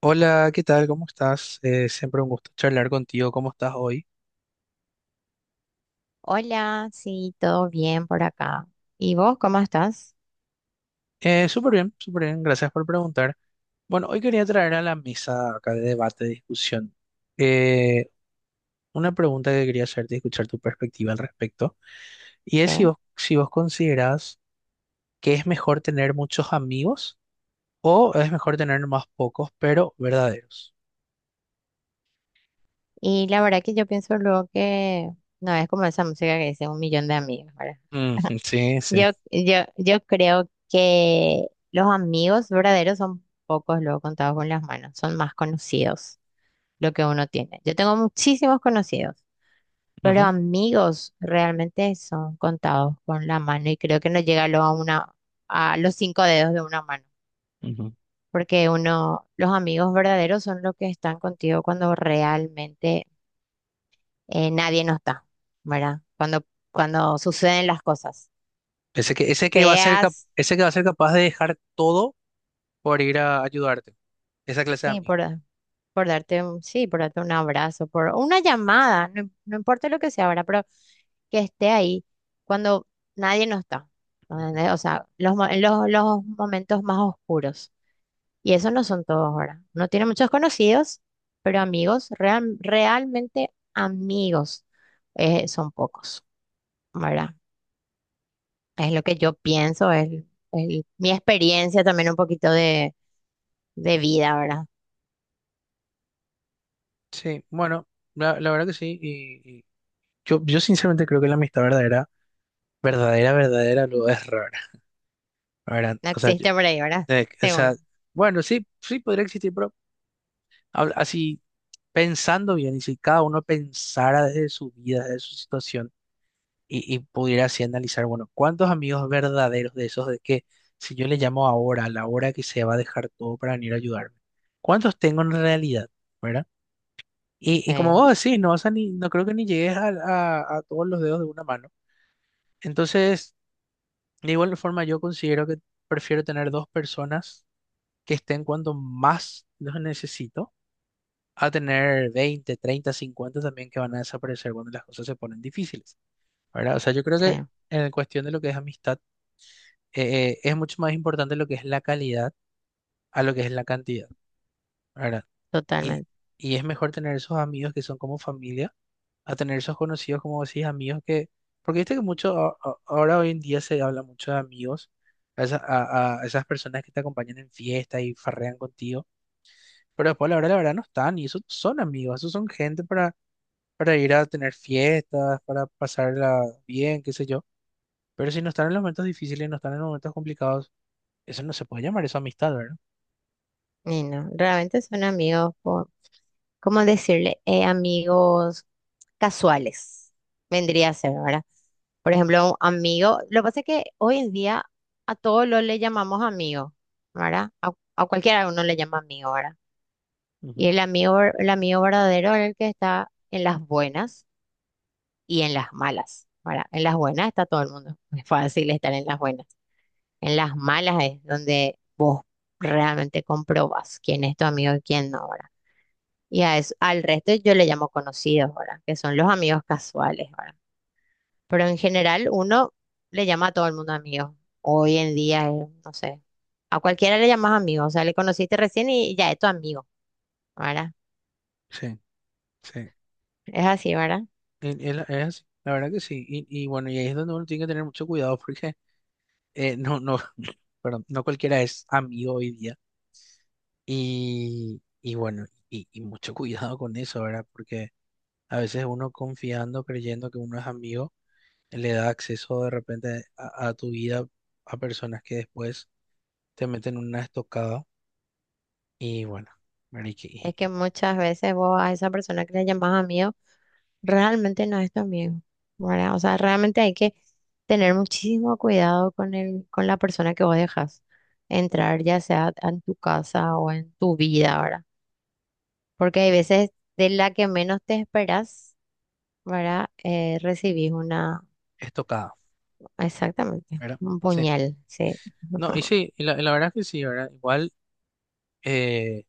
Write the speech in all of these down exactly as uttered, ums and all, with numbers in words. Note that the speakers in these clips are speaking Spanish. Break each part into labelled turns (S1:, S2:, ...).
S1: Hola, ¿qué tal? ¿Cómo estás? Eh, siempre un gusto charlar contigo. ¿Cómo estás hoy?
S2: Hola, sí, todo bien por acá. ¿Y vos cómo estás?
S1: Eh, súper bien, súper bien. Gracias por preguntar. Bueno, hoy quería traer a la mesa acá de debate, de discusión, eh, una pregunta que quería hacerte y escuchar tu perspectiva al respecto. Y es si
S2: ¿Qué?
S1: vos, si vos considerás que es mejor tener muchos amigos o es mejor tener más pocos, pero verdaderos.
S2: Y la verdad que yo pienso luego que no es como esa música que dice un millón de amigos, ¿verdad?
S1: Mm, sí, sí.
S2: Yo, yo, yo creo que los amigos verdaderos son pocos luego contados con las manos, son más conocidos lo que uno tiene. Yo tengo muchísimos conocidos, pero
S1: Ujú,
S2: amigos realmente son contados con la mano y creo que no llega lo a una, a los cinco dedos de una mano.
S1: ujú.
S2: Porque uno, los amigos verdaderos son los que están contigo cuando realmente eh, nadie no está, ¿verdad? Cuando, cuando suceden las cosas
S1: Ese que, ese que va a ser cap-
S2: feas,
S1: ese que va a ser capaz de dejar todo por ir a ayudarte. Esa clase de
S2: sí, por,
S1: amigos.
S2: por darte un, sí, por darte un abrazo, por una llamada, no, no importa lo que sea, ¿verdad? Pero que esté ahí cuando nadie no está,
S1: Ujú.
S2: ¿entendés? O sea, los, mo- los, los momentos más oscuros. Y eso no son todos ahora. Uno tiene muchos conocidos, pero amigos, real- realmente amigos, eh, son pocos, ¿verdad? Es lo que yo pienso, es, es mi experiencia también un poquito de, de vida, ¿verdad?
S1: Sí, bueno, la, la verdad que sí. Y, y yo, yo sinceramente creo que la amistad verdadera, verdadera, verdadera, lo es rara. ¿Verdad?
S2: No
S1: O sea, yo-
S2: existe por ahí, ¿verdad?
S1: eh, o sea,
S2: Según.
S1: bueno, sí, sí podría existir, pero habla- así pensando bien, y si cada uno pensara desde su vida, desde su situación, y, y pudiera así analizar, bueno, ¿cuántos amigos verdaderos de esos de que si yo le llamo ahora, a la hora que se va a dejar todo para venir a ayudarme? ¿Cuántos tengo en realidad? ¿Verdad? Y, y como
S2: Sí,
S1: vos decís, no vas a ni, no creo que ni llegues a a, a todos los dedos de una mano. Entonces, de igual forma, yo considero que prefiero tener dos personas que estén cuando más los necesito, a tener veinte treinta cincuenta también que van a desaparecer cuando las cosas se ponen difíciles, ¿verdad? O sea, yo creo que
S2: sí,
S1: en cuestión de lo que es amistad, eh, eh, es mucho más importante lo que es la calidad a lo que es la cantidad, ¿verdad? Y,
S2: totalmente.
S1: y es mejor tener esos amigos que son como familia a tener esos conocidos, como decís, amigos que, porque viste que mucho, a- a- ahora hoy en día se habla mucho de amigos, a, esa- a- a esas personas que te acompañan en fiestas y farrean contigo, pero después a la hora de la verdad no están, y esos son amigos, esos son gente para, para ir a tener fiestas, para pasarla bien, qué sé yo, pero si no están en los momentos difíciles, no están en los momentos complicados, eso no se puede llamar eso amistad, ¿verdad?
S2: Y no, realmente son amigos, ¿cómo decirle? Eh, amigos casuales, vendría a ser, ¿verdad? Por ejemplo, un amigo, lo que pasa es que hoy en día a todos los le llamamos amigo, ¿verdad? A, a cualquiera uno le llama amigo, ¿verdad? Y
S1: Ujú.
S2: el amigo, ver- el amigo verdadero es el que está en las buenas y en las malas, ¿verdad? En las buenas está todo el mundo, es fácil estar en las buenas. En las malas es donde realmente comprobas quién es tu amigo y quién no, ¿verdad? Y a eso, al resto yo le llamo conocidos, ¿verdad? Que son los amigos casuales, ¿verdad? Pero en general uno le llama a todo el mundo amigo. Hoy en día, eh, no sé, a cualquiera le llamas amigo, o sea, le conociste recién y ya es tu amigo, ¿verdad?
S1: Sí, sí.
S2: Es así, ¿verdad?
S1: Y- y la- Es, así, la verdad que sí, y, y bueno, y ahí es donde uno tiene que tener mucho cuidado, porque eh, no, no, perdón, no cualquiera es amigo hoy día. Y, y bueno, y, y mucho cuidado con eso, ¿verdad? Porque a veces uno confiando, creyendo que uno es amigo, le da acceso de repente a, a tu vida a personas que después te meten una estocada. Y bueno, ¿verdad? Y que-
S2: Es
S1: y-
S2: que
S1: y
S2: muchas veces vos a esa persona que le llamas amigo realmente no es tu amigo, ¿verdad? O sea, realmente hay que tener muchísimo cuidado con el, con la persona que vos dejas entrar, ya sea en tu casa o en tu vida, ¿verdad? Porque hay veces de la que menos te esperas, ¿verdad? Eh, recibís una,
S1: estocada,
S2: exactamente,
S1: ¿verdad?
S2: un
S1: Sí.
S2: puñal, sí.
S1: No, y sí, y la, y la verdad es que sí, ¿verdad? Igual, eh,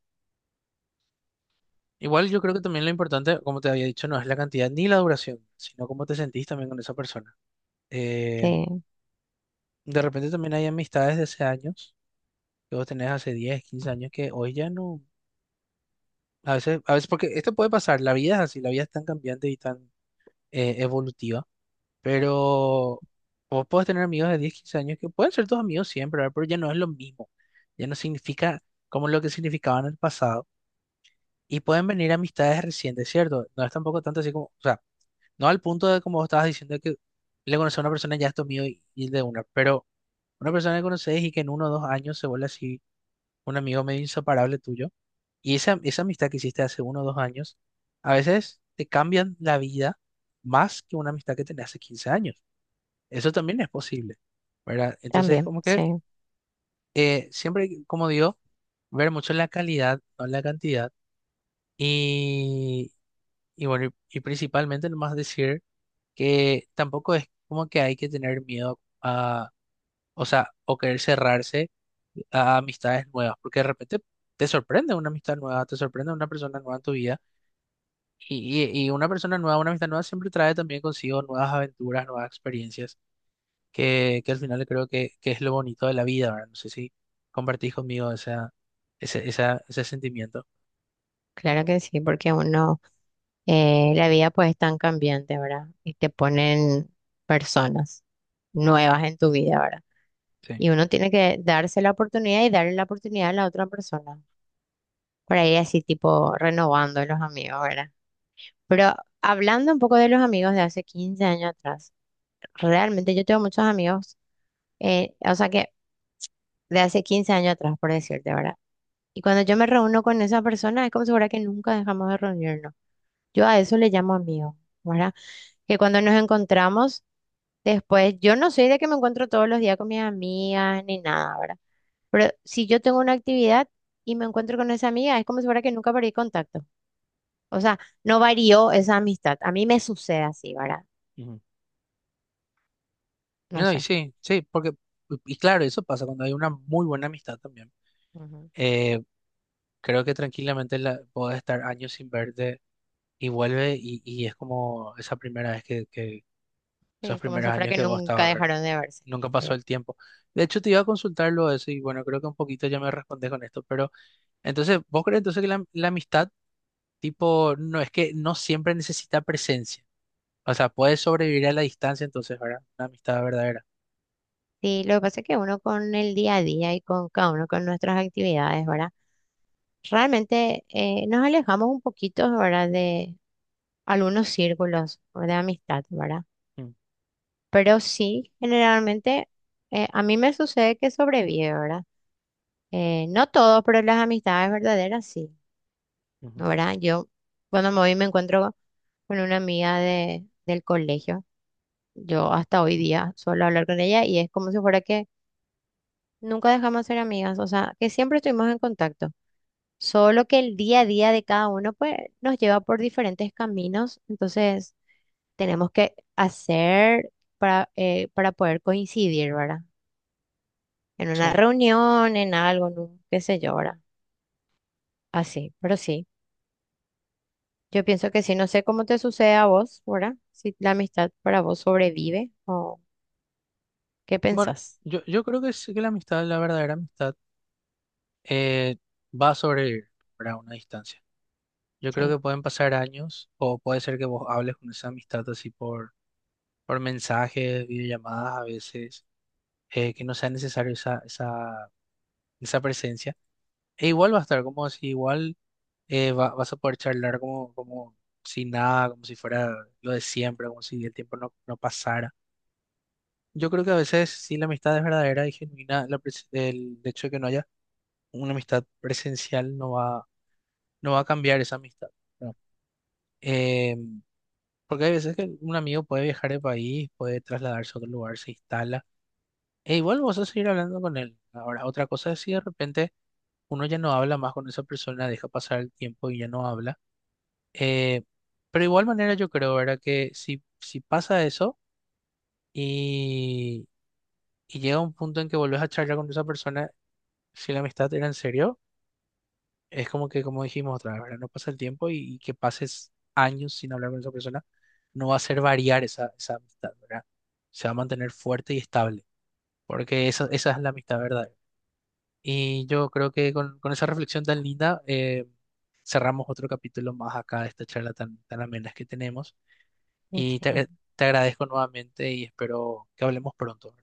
S1: igual yo creo que también lo importante, como te había dicho, no es la cantidad ni la duración, sino cómo te sentís también con esa persona. Eh,
S2: Sí,
S1: De repente también hay amistades de hace años, que vos tenés hace diez quince años, que hoy ya no, a veces, a veces, porque esto puede pasar, la vida es así, la vida es tan cambiante y tan eh, evolutiva, pero vos podés tener amigos de diez quince años que pueden ser tus amigos siempre, ¿verdad? Pero ya no es lo mismo, ya no significa como lo que significaba en el pasado, y pueden venir amistades recientes, ¿cierto? No es tampoco tanto así como, o sea, no al punto de como vos estabas diciendo que le conoces a una persona y ya es tu amigo y, y de una, pero una persona que conoces y que en uno o dos años se vuelve así un amigo medio inseparable tuyo, y esa, esa amistad que hiciste hace uno o dos años, a veces te cambian la vida más que una amistad que tenés hace quince años. Eso también es posible, ¿verdad? Entonces,
S2: también,
S1: como que
S2: sí.
S1: eh, siempre, como digo, ver mucho la calidad, no la cantidad, y, y bueno, y, y principalmente nomás decir que tampoco es como que hay que tener miedo a o sea, o querer cerrarse a amistades nuevas, porque de repente te sorprende una amistad nueva, te sorprende una persona nueva en tu vida, y, y- y una persona nueva, una amistad nueva siempre trae también consigo nuevas aventuras, nuevas experiencias, que, que al final creo que, que es lo bonito de la vida, ¿verdad? No sé si compartís conmigo esa, ese, esa- ese sentimiento.
S2: Claro que sí, porque uno, eh, la vida pues es tan cambiante, ¿verdad? Y te ponen personas nuevas en tu vida, ¿verdad?
S1: Sí.
S2: Y uno tiene que darse la oportunidad y darle la oportunidad a la otra persona. Para ir así tipo renovando los amigos, ¿verdad? Pero hablando un poco de los amigos de hace quince años atrás. Realmente yo tengo muchos amigos, eh, o sea que de hace quince años atrás, por decirte, ¿verdad? Y cuando yo
S1: Ujú,
S2: me reúno con esa persona, es como si fuera que nunca dejamos de reunirnos. Yo a eso le llamo amigo, ¿verdad? Que cuando nos encontramos después, yo no soy de que me encuentro todos los días con mis amigas ni nada, ¿verdad? Pero si yo tengo una actividad y me encuentro con esa amiga, es como si fuera que nunca perdí contacto. O sea, no varió esa amistad. A mí me sucede así, ¿verdad?
S1: ujú.
S2: No
S1: No, y
S2: sé.
S1: sí, sí, porque, y claro, eso pasa cuando hay una muy buena amistad también.
S2: Ujú.
S1: Eh, creo que tranquilamente la, podés estar años sin verte y vuelve y, y es como esa primera vez que, que esos
S2: Sí, como
S1: primeros
S2: si fuera
S1: años
S2: que
S1: que vos
S2: nunca
S1: estabas, ¿verdad?
S2: dejaron de verse.
S1: Nunca pasó
S2: Sí.
S1: el tiempo. De hecho, te iba a consultarlo eso y bueno, creo que un poquito ya me respondes con esto, pero entonces, ¿vos crees entonces que la, la amistad, tipo, no es que no siempre necesita presencia? O sea, puede sobrevivir a la distancia entonces, ¿verdad? Una amistad verdadera.
S2: Sí, lo que pasa es que uno con el día a día y con cada uno con nuestras actividades, ¿verdad? Realmente eh, nos alejamos un poquito, ¿verdad? De algunos círculos o de amistad, ¿verdad?
S1: Mm,
S2: Pero sí, generalmente eh, a mí me sucede que sobrevive, ¿verdad? Eh, no todo, pero las amistades verdaderas sí,
S1: ujú.
S2: ¿verdad? Yo cuando me voy me encuentro con una amiga de, del colegio. Yo hasta hoy día suelo hablar con ella y es como si fuera que nunca dejamos de ser amigas, o sea, que siempre estuvimos en contacto. Solo que el día a día de cada uno pues, nos lleva por diferentes caminos, entonces tenemos que hacer para, eh, para poder coincidir, ¿verdad? En una
S1: Sí.
S2: reunión, en algo, en un qué sé yo, ¿verdad? Así, pero sí, yo pienso que sí, no sé cómo te sucede a vos, ¿verdad? Si la amistad para vos sobrevive o qué
S1: Bueno,
S2: pensás.
S1: yo, yo creo que sí que la amistad, la verdadera amistad, eh, va a sobrevivir, ¿verdad? A una distancia. Yo creo
S2: Sí,
S1: que pueden pasar años o puede ser que vos hables con esa amistad así por, por, mensajes, videollamadas a veces, eh, que no sea necesario esa, esa, esa presencia. E igual va a estar como si igual eh, va- vas a poder charlar como, como si nada, como si fuera lo de siempre, como si el tiempo no, no pasara. Yo creo que a veces si la amistad es verdadera y genuina, la pres- el hecho de que no haya una amistad presencial no va, no va a cambiar esa amistad. ¿No? Em, porque hay veces que un amigo puede viajar de país, puede trasladarse a otro lugar, se instala. E igual vos vas a seguir hablando con él. Ahora, otra cosa es si de repente uno ya no habla más con esa persona, deja pasar el tiempo y ya no habla. Eh, pero igual manera yo creo, ¿verdad? Que si, si, pasa eso y, y llega un punto en que volvés a charlar con esa persona, si la amistad era en serio. Es como que, como dijimos otra vez, ¿verdad? No pasa el tiempo y, y que pases años sin hablar con esa persona no va a hacer variar esa, esa amistad, ¿verdad? Se va a mantener fuerte y estable, porque esa, esa es la amistad verdadera. Y yo creo que con, con esa reflexión tan linda, eh, cerramos otro capítulo más acá de esta charla tan, tan amena que tenemos. Y
S2: sí.
S1: te, te agradezco nuevamente y espero que hablemos pronto.